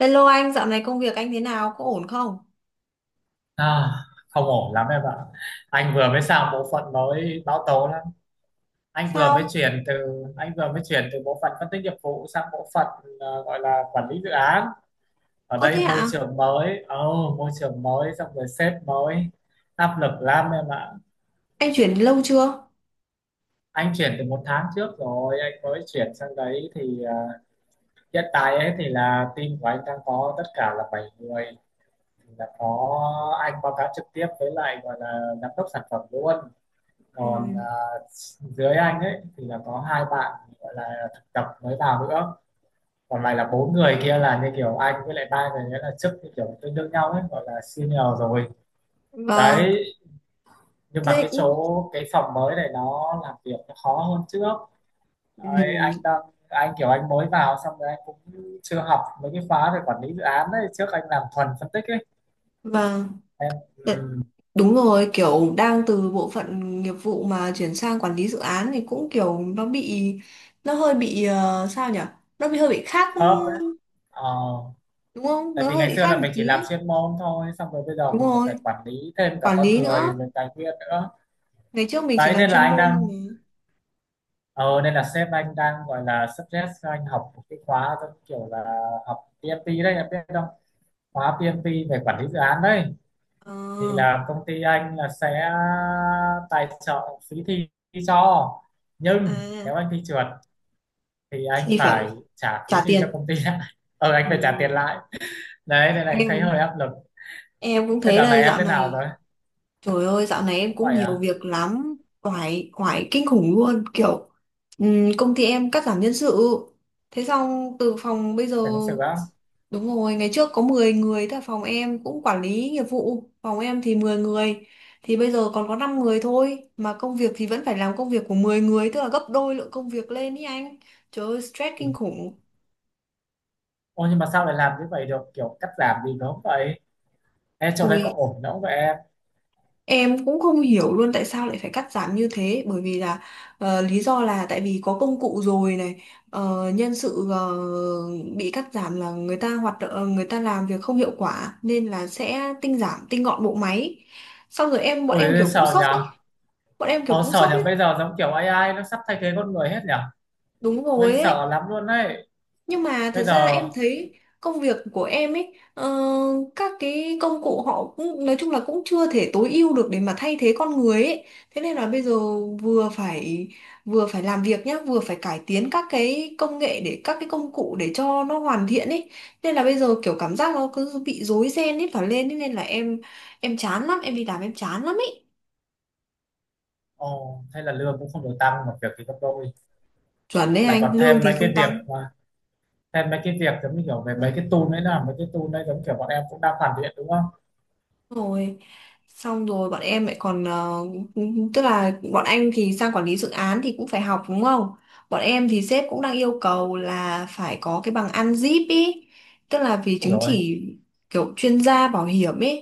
Hello anh, dạo này công việc anh thế nào? Có ổn không? À, không ổn lắm em ạ. Anh vừa mới sang bộ phận mới báo tố lắm. Anh vừa mới Sao? chuyển từ anh vừa mới chuyển từ bộ phận phân tích nghiệp vụ sang bộ phận gọi là quản lý dự án. Ở Ơ đây thế ạ? Môi trường mới xong rồi sếp mới, áp lực lắm em ạ. Anh chuyển lâu chưa? Anh chuyển từ một tháng trước rồi, anh mới chuyển sang đấy thì hiện tại ấy thì là team của anh đang có tất cả là 7 người. Thì là có anh báo cáo trực tiếp với lại gọi là giám đốc sản phẩm luôn, Ừ. còn dưới anh ấy thì là có hai bạn gọi là thực tập mới vào nữa, còn lại là bốn người kia là như kiểu anh với lại ba người nữa là chức như kiểu tương đương nhau ấy, gọi là senior rồi Vâng. đấy. Nhưng mà Thế... cái phòng mới này nó làm việc nó khó hơn trước. Đấy, Ừ. Anh kiểu anh mới vào xong rồi anh cũng chưa học mấy cái khóa về quản lý dự án đấy, trước anh làm thuần phân tích ấy. Vâng. Em Đ- Đúng rồi, kiểu đang từ bộ phận nghiệp vụ mà chuyển sang quản lý dự án thì cũng kiểu nó bị... Nó hơi bị... sao nhỉ? Nó bị hơi bị khác... khớp đấy. ờ Đúng không? Tại Nó vì hơi ngày bị xưa khác là một mình chỉ tí làm ấy. chuyên môn thôi, xong rồi bây giờ Đúng mình còn phải rồi. quản lý thêm cả Quản con lý người nữa. rồi tài nguyên nữa. Ngày trước mình chỉ Đấy làm nên là chuyên môn thôi mà. Sếp anh đang gọi là suggest cho anh học một cái khóa giống kiểu là học PMP đấy, em biết không? Khóa PMP về quản lý dự án đấy Ờ. thì là công ty anh là sẽ tài trợ phí thi cho, nhưng À. nếu anh thi trượt thì anh Thì phải phải trả phí trả thi cho tiền. công ty lại. Anh Ừ. phải trả tiền lại. Đấy nên là anh thấy hơi Em áp lực. Em cũng Thế thế giờ này đây em dạo thế nào rồi? này. Trời ơi, dạo này em Cũng cũng vậy nhiều à? việc lắm, oải oải kinh khủng luôn, kiểu công ty em cắt giảm nhân sự, thế xong từ phòng bây giờ Phải thực sự á? đúng rồi, ngày trước có 10 người, tại phòng em cũng quản lý nghiệp vụ phòng em thì 10 người, thì bây giờ còn có 5 người thôi, mà công việc thì vẫn phải làm công việc của 10 người, tức là gấp đôi lượng công việc lên ý anh. Trời ơi, stress Ừ. kinh khủng. Ôi nhưng mà sao lại làm như vậy được, kiểu cắt giảm gì nó không vậy em, trong đây có Ui, ổn đâu vậy em? em cũng không hiểu luôn tại sao lại phải cắt giảm như thế, bởi vì là lý do là tại vì có công cụ rồi này. Nhân sự bị cắt giảm là người ta hoạt động, người ta làm việc không hiệu quả nên là sẽ tinh giảm tinh gọn bộ máy, xong rồi bọn em Ôi kiểu cũng sợ sốc nhở. ấy. bọn em kiểu Ờ cũng sợ sốc nhở, ấy bây giờ giống kiểu AI nó sắp thay thế con người hết nhở. Đúng Ôi anh rồi ấy. sợ lắm luôn đấy. Nhưng mà Bây thật ra giờ em thấy công việc của em ấy, các cái công cụ họ cũng nói chung là cũng chưa thể tối ưu được để mà thay thế con người ấy. Thế nên là bây giờ vừa phải vừa phải làm việc nhá, vừa phải cải tiến các cái công nghệ để các cái công cụ để cho nó hoàn thiện ấy. Nên là bây giờ kiểu cảm giác nó cứ bị rối ren hết cả lên ấy. Nên là em chán lắm, em đi làm em chán lắm ấy. Ồ hay là lương cũng không được tăng mà việc thì gấp đôi, Chuẩn đấy lại anh, còn lương thì không tăng. Thêm mấy cái việc giống như kiểu về mấy cái tool đấy giống kiểu bọn em cũng đang hoàn thiện đúng không? Rồi xong rồi bọn em lại còn tức là bọn anh thì sang quản lý dự án thì cũng phải học đúng không, bọn em thì sếp cũng đang yêu cầu là phải có cái bằng ăn zip ý, tức là vì Ủa chứng rồi. chỉ kiểu chuyên gia bảo hiểm ý.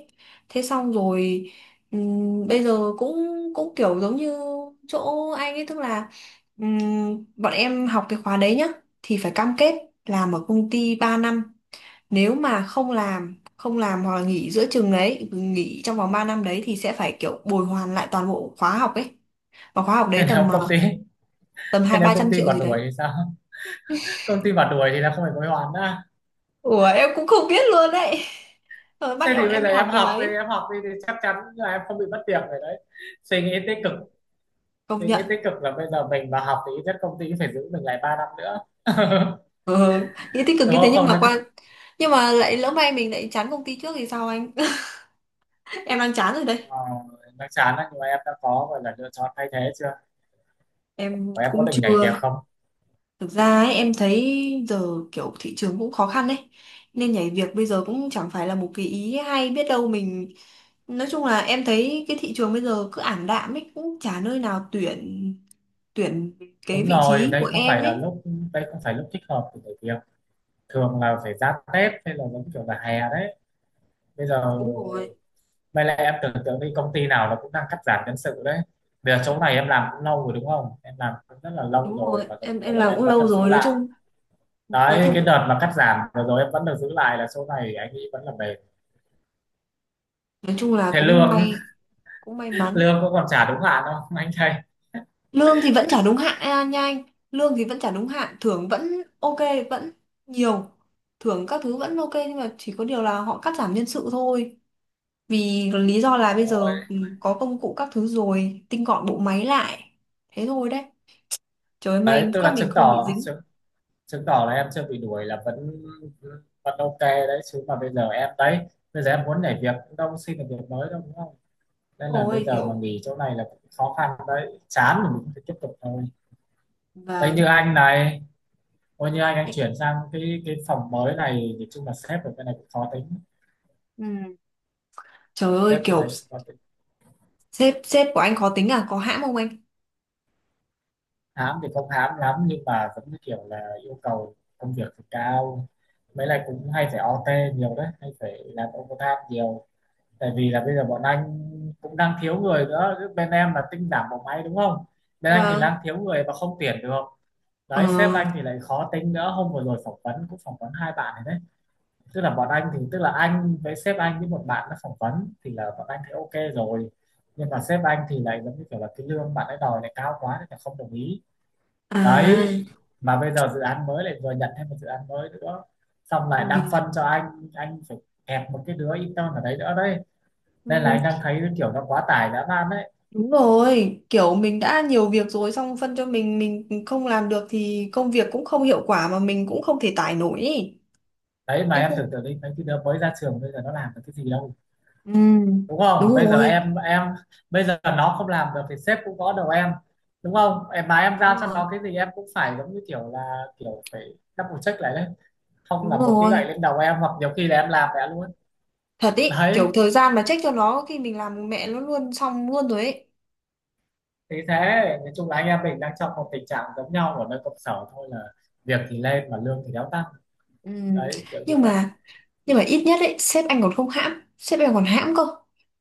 Thế xong rồi bây giờ cũng cũng kiểu giống như chỗ anh ấy, tức là bọn em học cái khóa đấy nhá thì phải cam kết làm ở công ty 3 năm. Nếu mà không làm hoặc là nghỉ trong vòng 3 năm đấy thì sẽ phải kiểu bồi hoàn lại toàn bộ khóa học ấy. Và khóa học đấy Thế, tầm nếu công ty tầm thế hai nếu ba công trăm ty triệu mà gì đuổi đấy. thì sao? Công ty mà đuổi thì là không phải hối hoãn nữa. Ủa em cũng không biết luôn đấy, rồi bắt Thế bọn thì bây em giờ đi học em cái học đi, đấy. em học đi thì chắc chắn là em không bị mất việc rồi đấy. Suy nghĩ tích Ừ. cực. Công Suy nhận. nghĩ tích cực là bây giờ mình mà học thì ít nhất công ty cũng phải giữ mình lại 3 năm nữa. Ừ. Nghĩ tích cực Đúng như thế, không? nhưng Không mà đấy. qua, nhưng mà lại lỡ may mình lại chán công ty trước thì sao anh? Em đang chán rồi đây. ờ, nó chán đấy nhưng mà em đã có gọi là lựa chọn thay thế chưa, Em và em có cũng định nhảy việc chưa. không? Thực ra ấy, em thấy giờ kiểu thị trường cũng khó khăn đấy, nên nhảy việc bây giờ cũng chẳng phải là một cái ý hay, biết đâu mình. Nói chung là em thấy cái thị trường bây giờ cứ ảm đạm ấy, cũng chả nơi nào tuyển, tuyển cái Đúng vị rồi, trí đây của không em phải là ấy. lúc, đây không phải lúc thích hợp để nhảy việc. Thường là phải ra Tết hay là giống kiểu là hè đấy. Bây giờ Đúng rồi, May là, em tưởng tượng đi, công ty nào nó cũng đang cắt giảm nhân sự đấy. Bây giờ chỗ này em làm cũng lâu rồi đúng không? Em làm cũng rất là lâu đúng rồi rồi. và giống Em như em kiểu là làm em cũng vẫn lâu được giữ rồi, nói lại. chung, nói Đấy, chung cái cũng, đợt mà cắt giảm vừa rồi em vẫn được giữ lại là chỗ này anh ấy vẫn là bền. nói chung là Thế lương, cũng may mắn. lương cũng còn trả đúng hạn không, anh thầy? Lương thì vẫn trả đúng hạn à, nha anh. Lương thì vẫn trả đúng hạn, thưởng vẫn ok, vẫn nhiều. Thưởng các thứ vẫn ok, nhưng mà chỉ có điều là họ cắt giảm nhân sự thôi. Vì lý do là bây Ôi, giờ ừ, có công cụ các thứ rồi, tinh gọn bộ máy lại. Thế thôi đấy. Trời ơi, đấy, may tức quá là mình chứng không bị tỏ, dính. Chứng tỏ là em chưa bị đuổi là vẫn vẫn ok đấy. Chứ mà bây giờ em muốn nhảy việc cũng đâu xin được việc mới đâu đúng không? Nên là bây Ôi giờ mà kiểu, nghỉ chỗ này là cũng khó khăn đấy. Chán thì mình phải tiếp tục thôi. Đấy vâng. như anh này, coi như anh Ê, chuyển sang cái phòng mới này thì chung là sếp ở bên này cũng khó tính. ừ. Trời ơi sếp bên kiểu này cũng khó tính sếp sếp của anh khó tính à, có hãm không anh? Hám thì không hám lắm nhưng mà vẫn như kiểu là yêu cầu công việc thì cao, mấy lại cũng hay phải OT nhiều đấy, hay phải làm overtime nhiều. Tại vì là bây giờ bọn anh cũng đang thiếu người nữa. Chứ bên em là tinh giảm bộ máy đúng không? Bên anh thì Vâng. đang thiếu người và không tuyển được. Ờ. Đấy, sếp anh thì lại khó tính nữa. Hôm vừa rồi phỏng vấn cũng phỏng vấn hai bạn này đấy. Tức là anh với sếp anh với một bạn nó phỏng vấn thì là bọn anh thấy ok rồi, nhưng mà sếp anh thì lại giống như kiểu là cái lương bạn ấy đòi lại cao quá nên là không đồng ý. À. Đấy, mà bây giờ dự án mới lại vừa nhận thêm một dự án mới nữa, xong lại đang Ui. phân cho anh phải kẹp một cái đứa intern ở đấy nữa đấy. Nên là anh Ừ, đang thấy cái kiểu nó quá tải dã man đấy. đúng rồi, kiểu mình đã nhiều việc rồi xong phân cho mình không làm được thì công việc cũng không hiệu quả mà mình cũng không thể tải nổi ý. Đấy mà Em em không. tưởng tượng đi, mấy cái đứa mới ra trường bây giờ nó làm được cái gì đâu. Ừ. Đúng không, Đúng bây giờ rồi. Bây giờ nó không làm được thì sếp cũng gõ đầu em. Đúng không, em mà em giao Đúng cho rồi. nó cái gì em cũng phải giống như kiểu là kiểu phải double check lại đấy, không là Đúng một cái gậy rồi, lên đầu em, hoặc nhiều khi là em làm mẹ luôn. thật ý, kiểu Đấy thời gian mà trách cho nó khi mình làm mẹ nó luôn xong luôn rồi ý. thì thế, nói chung là anh em mình đang trong một tình trạng giống nhau ở nơi công sở thôi, là việc thì lên mà lương thì đéo tăng. Ừ. Đấy kiểu như Nhưng vậy. mà, nhưng mà ít nhất ấy sếp anh còn không hãm, sếp anh còn hãm cơ,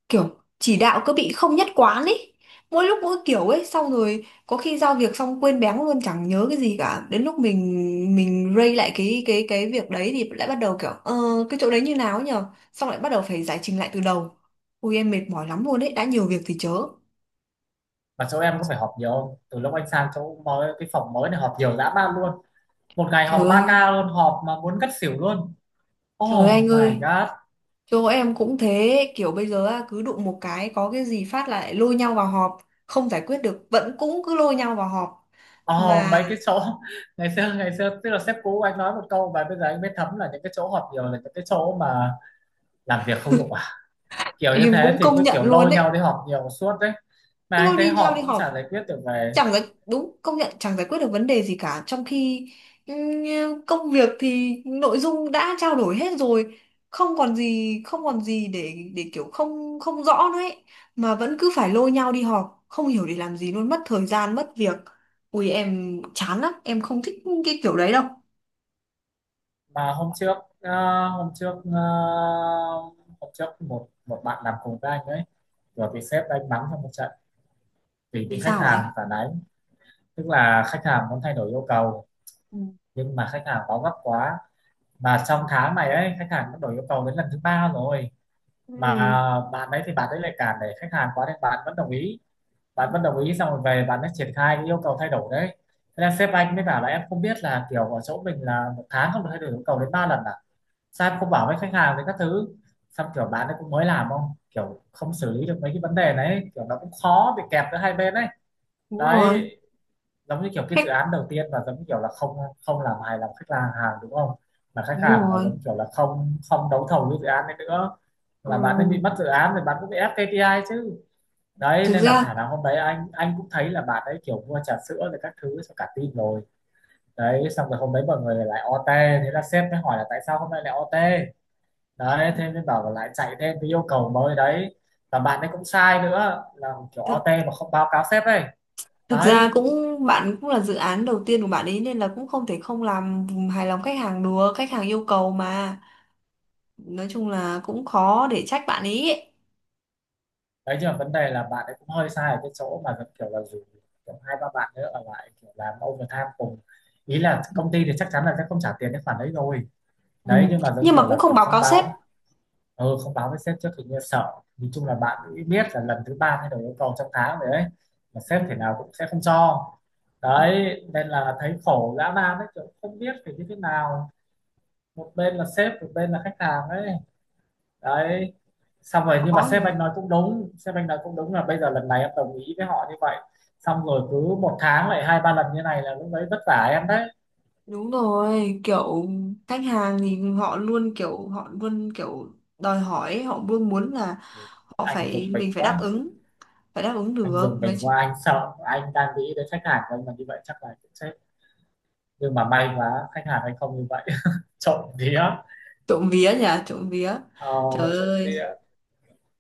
kiểu chỉ đạo cứ bị không nhất quán ấy, mỗi lúc mỗi kiểu ấy, xong rồi có khi giao việc xong quên béng luôn chẳng nhớ cái gì cả, đến lúc mình ray lại cái việc đấy thì lại bắt đầu kiểu cái chỗ đấy như nào ấy nhờ, xong lại bắt đầu phải giải trình lại từ đầu. Ui em mệt mỏi lắm luôn đấy, đã nhiều việc thì chớ. Mà chỗ em có phải họp nhiều không, từ lúc anh sang chỗ mới cái phòng mới này họp nhiều dã man luôn. Một ngày Trời họp 3 ơi. ca luôn, họp mà muốn ngất xỉu luôn. Trời ơi anh Oh my ơi. god. Chỗ em cũng thế, kiểu bây giờ á, cứ đụng một cái có cái gì phát lại lôi nhau vào họp, không giải quyết được vẫn cũng cứ lôi nhau vào họp. Ồ, Mà mấy cái chỗ ngày xưa tức là sếp cũ anh nói một câu và bây giờ anh mới thấm là những cái chỗ họp nhiều là những cái chỗ mà làm việc không hiệu quả, kiểu như em thế cũng thì cứ công nhận kiểu luôn lôi nhau đấy, đi họp nhiều suốt đấy. Mà cứ anh lôi thấy đi nhau họp đi cũng chả họp giải quyết được về. chẳng giải, đúng, công nhận chẳng giải quyết được vấn đề gì cả, trong khi ừ, công việc thì nội dung đã trao đổi hết rồi, không còn gì để kiểu không không rõ nữa ấy, mà vẫn cứ phải lôi nhau đi họp không hiểu để làm gì luôn, mất thời gian mất việc. Ui em chán lắm, em không thích cái kiểu đấy đâu. Mà hôm trước một một bạn làm cùng với anh ấy rồi bị sếp đánh mắng trong một trận vì bị Vì khách sao ấy? hàng phản ánh. Tức là khách hàng muốn thay đổi yêu cầu Ừ. nhưng mà khách hàng báo gấp quá, mà trong tháng này ấy khách hàng đã đổi yêu cầu đến lần thứ ba rồi, mà Ừ. bạn đấy thì bạn đấy lại cản để khách hàng quá nên bạn vẫn đồng ý. Xong rồi về bạn ấy triển khai cái yêu cầu thay đổi đấy. Thế là sếp anh mới bảo là em không biết là kiểu ở chỗ mình là một tháng không được thay đổi yêu cầu đến 3 lần à? Sao em không bảo với khách hàng với các thứ? Xong kiểu bạn ấy cũng mới làm, không kiểu không xử lý được mấy cái vấn đề đấy, kiểu nó cũng khó bị kẹp giữa hai bên đấy. Đúng Đấy rồi. giống như kiểu cái Khách. dự án đầu tiên mà giống như kiểu là không không làm hài lòng khách hàng hàng đúng không? Mà khách Đúng hàng mà rồi. giống kiểu là không không đấu thầu cái dự án đấy nữa Ừ. là bạn ấy bị mất dự án thì bạn cũng bị ép KPI chứ. Đấy Thực nên là ra. khả năng hôm đấy anh cũng thấy là bạn ấy kiểu mua trà sữa rồi các thứ cho cả team rồi. Đấy xong rồi hôm đấy mọi người lại OT. Thế là sếp mới hỏi là tại sao hôm nay lại OT. Đấy thế mới bảo là lại chạy thêm cái yêu cầu mới đấy, và bạn ấy cũng sai nữa là kiểu OT mà không báo cáo sếp ấy Thực ra đấy. cũng, bạn cũng là dự án đầu tiên của bạn ấy nên là cũng không thể không làm hài lòng khách hàng được, khách hàng yêu cầu mà. Nói chung là cũng khó để trách bạn ấy. Ấy. Đấy nhưng mà vấn đề là bạn ấy cũng hơi sai ở cái chỗ mà giống kiểu là dù kiểu hai ba bạn nữa ở lại kiểu làm overtime cùng, ý là Ừ. công ty thì chắc chắn là sẽ không trả tiền cái khoản đấy rồi. Ừ. Đấy nhưng mà giống Nhưng kiểu mà cũng là không kiểu báo không cáo sếp. báo, không báo với sếp trước thì như sợ. Nói chung là bạn cũng biết là lần thứ ba thay đổi yêu cầu trong tháng rồi đấy, mà sếp thế Ừ. nào cũng sẽ không cho. Ừ. Đấy nên là thấy khổ dã man đấy, kiểu không biết phải như thế nào, một bên là sếp một bên là khách hàng ấy. Đấy xong rồi nhưng mà Khó nhỉ. Sếp anh nói cũng đúng là bây giờ lần này em đồng ý với họ như vậy, xong rồi cứ một tháng lại 2-3 lần như này là lúc đấy vất vả em đấy. Đúng rồi, kiểu khách hàng thì họ luôn kiểu, họ luôn kiểu đòi hỏi, ấy, họ luôn muốn là Ừ, họ anh phải, dùng mình mình quá, phải đáp ứng anh được. dùng Mấy bình chị- qua, anh sợ, anh đang nghĩ đến khách hàng của anh mà như vậy chắc là cũng chết. Nhưng mà may quá khách hàng anh không như vậy. Trộm vía. trộm vía nhỉ, trộm vía. ờ, Trời Trộm ơi, vía.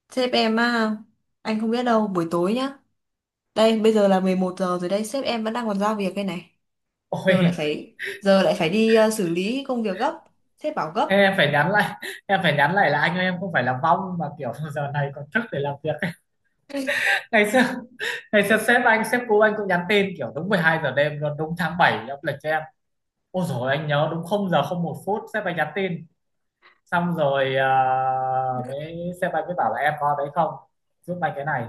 sếp em á, anh không biết đâu, buổi tối nhá. Đây, bây giờ là 11 giờ rồi đây, sếp em vẫn đang còn giao việc đây này. Ôi, Giờ lại phải đi xử lý công việc gấp. Sếp bảo gấp. em phải nhắn lại, là anh ơi, em không phải là vong mà kiểu giờ này còn thức để làm việc. ngày xưa Ngày xưa sếp cũ anh cũng nhắn tin kiểu đúng 12 giờ đêm luôn, đúng tháng 7 âm lịch cho em. Ôi rồi anh nhớ đúng không, giờ không một phút sếp anh nhắn tin. Xong rồi ờ, mới sếp anh mới bảo là em có đấy không, giúp anh cái này,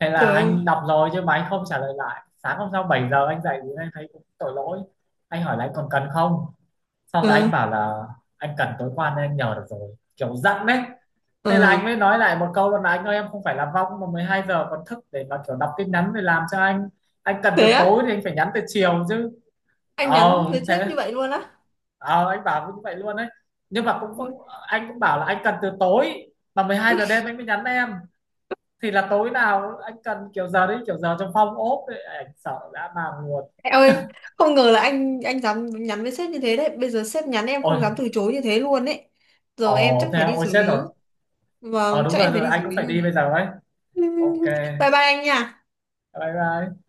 hay là Trời ơi. anh đọc rồi chứ mà anh không trả lời. Lại sáng hôm sau 7 giờ anh dậy thì anh thấy cũng tội lỗi, anh hỏi là anh còn cần không. Sau rồi anh Ừ, bảo là anh cần tối qua nên anh nhờ được rồi, kiểu giận đấy. Thế là anh ừ. mới nói lại một câu là anh ơi em không phải là vong mà 12 giờ còn thức để mà kiểu đọc tin nhắn để làm cho anh cần từ Thế á? tối thì anh phải nhắn từ chiều chứ. Anh Ờ nhắn với sếp thế như vậy luôn á? ờ anh bảo như vậy luôn đấy. Nhưng mà Ôi, cũng Anh cũng bảo là anh cần từ tối mà 12 giờ đêm anh mới nhắn em, thì là tối nào anh cần kiểu giờ đấy kiểu giờ trong phong ốp ấy, anh sợ dã man luôn. em ơi, không ngờ là anh dám nhắn với sếp như thế đấy. Bây giờ sếp nhắn em Ôi. không dám từ chối như thế luôn đấy. Giờ em chắc Ồ thế phải à? đi Ôi xử chết lý. rồi. Ờ Vâng, Đúng chắc em rồi, phải đi xử anh cũng lý phải này. đi bây giờ ấy. Ok. Bye bye anh nha. Bye bye.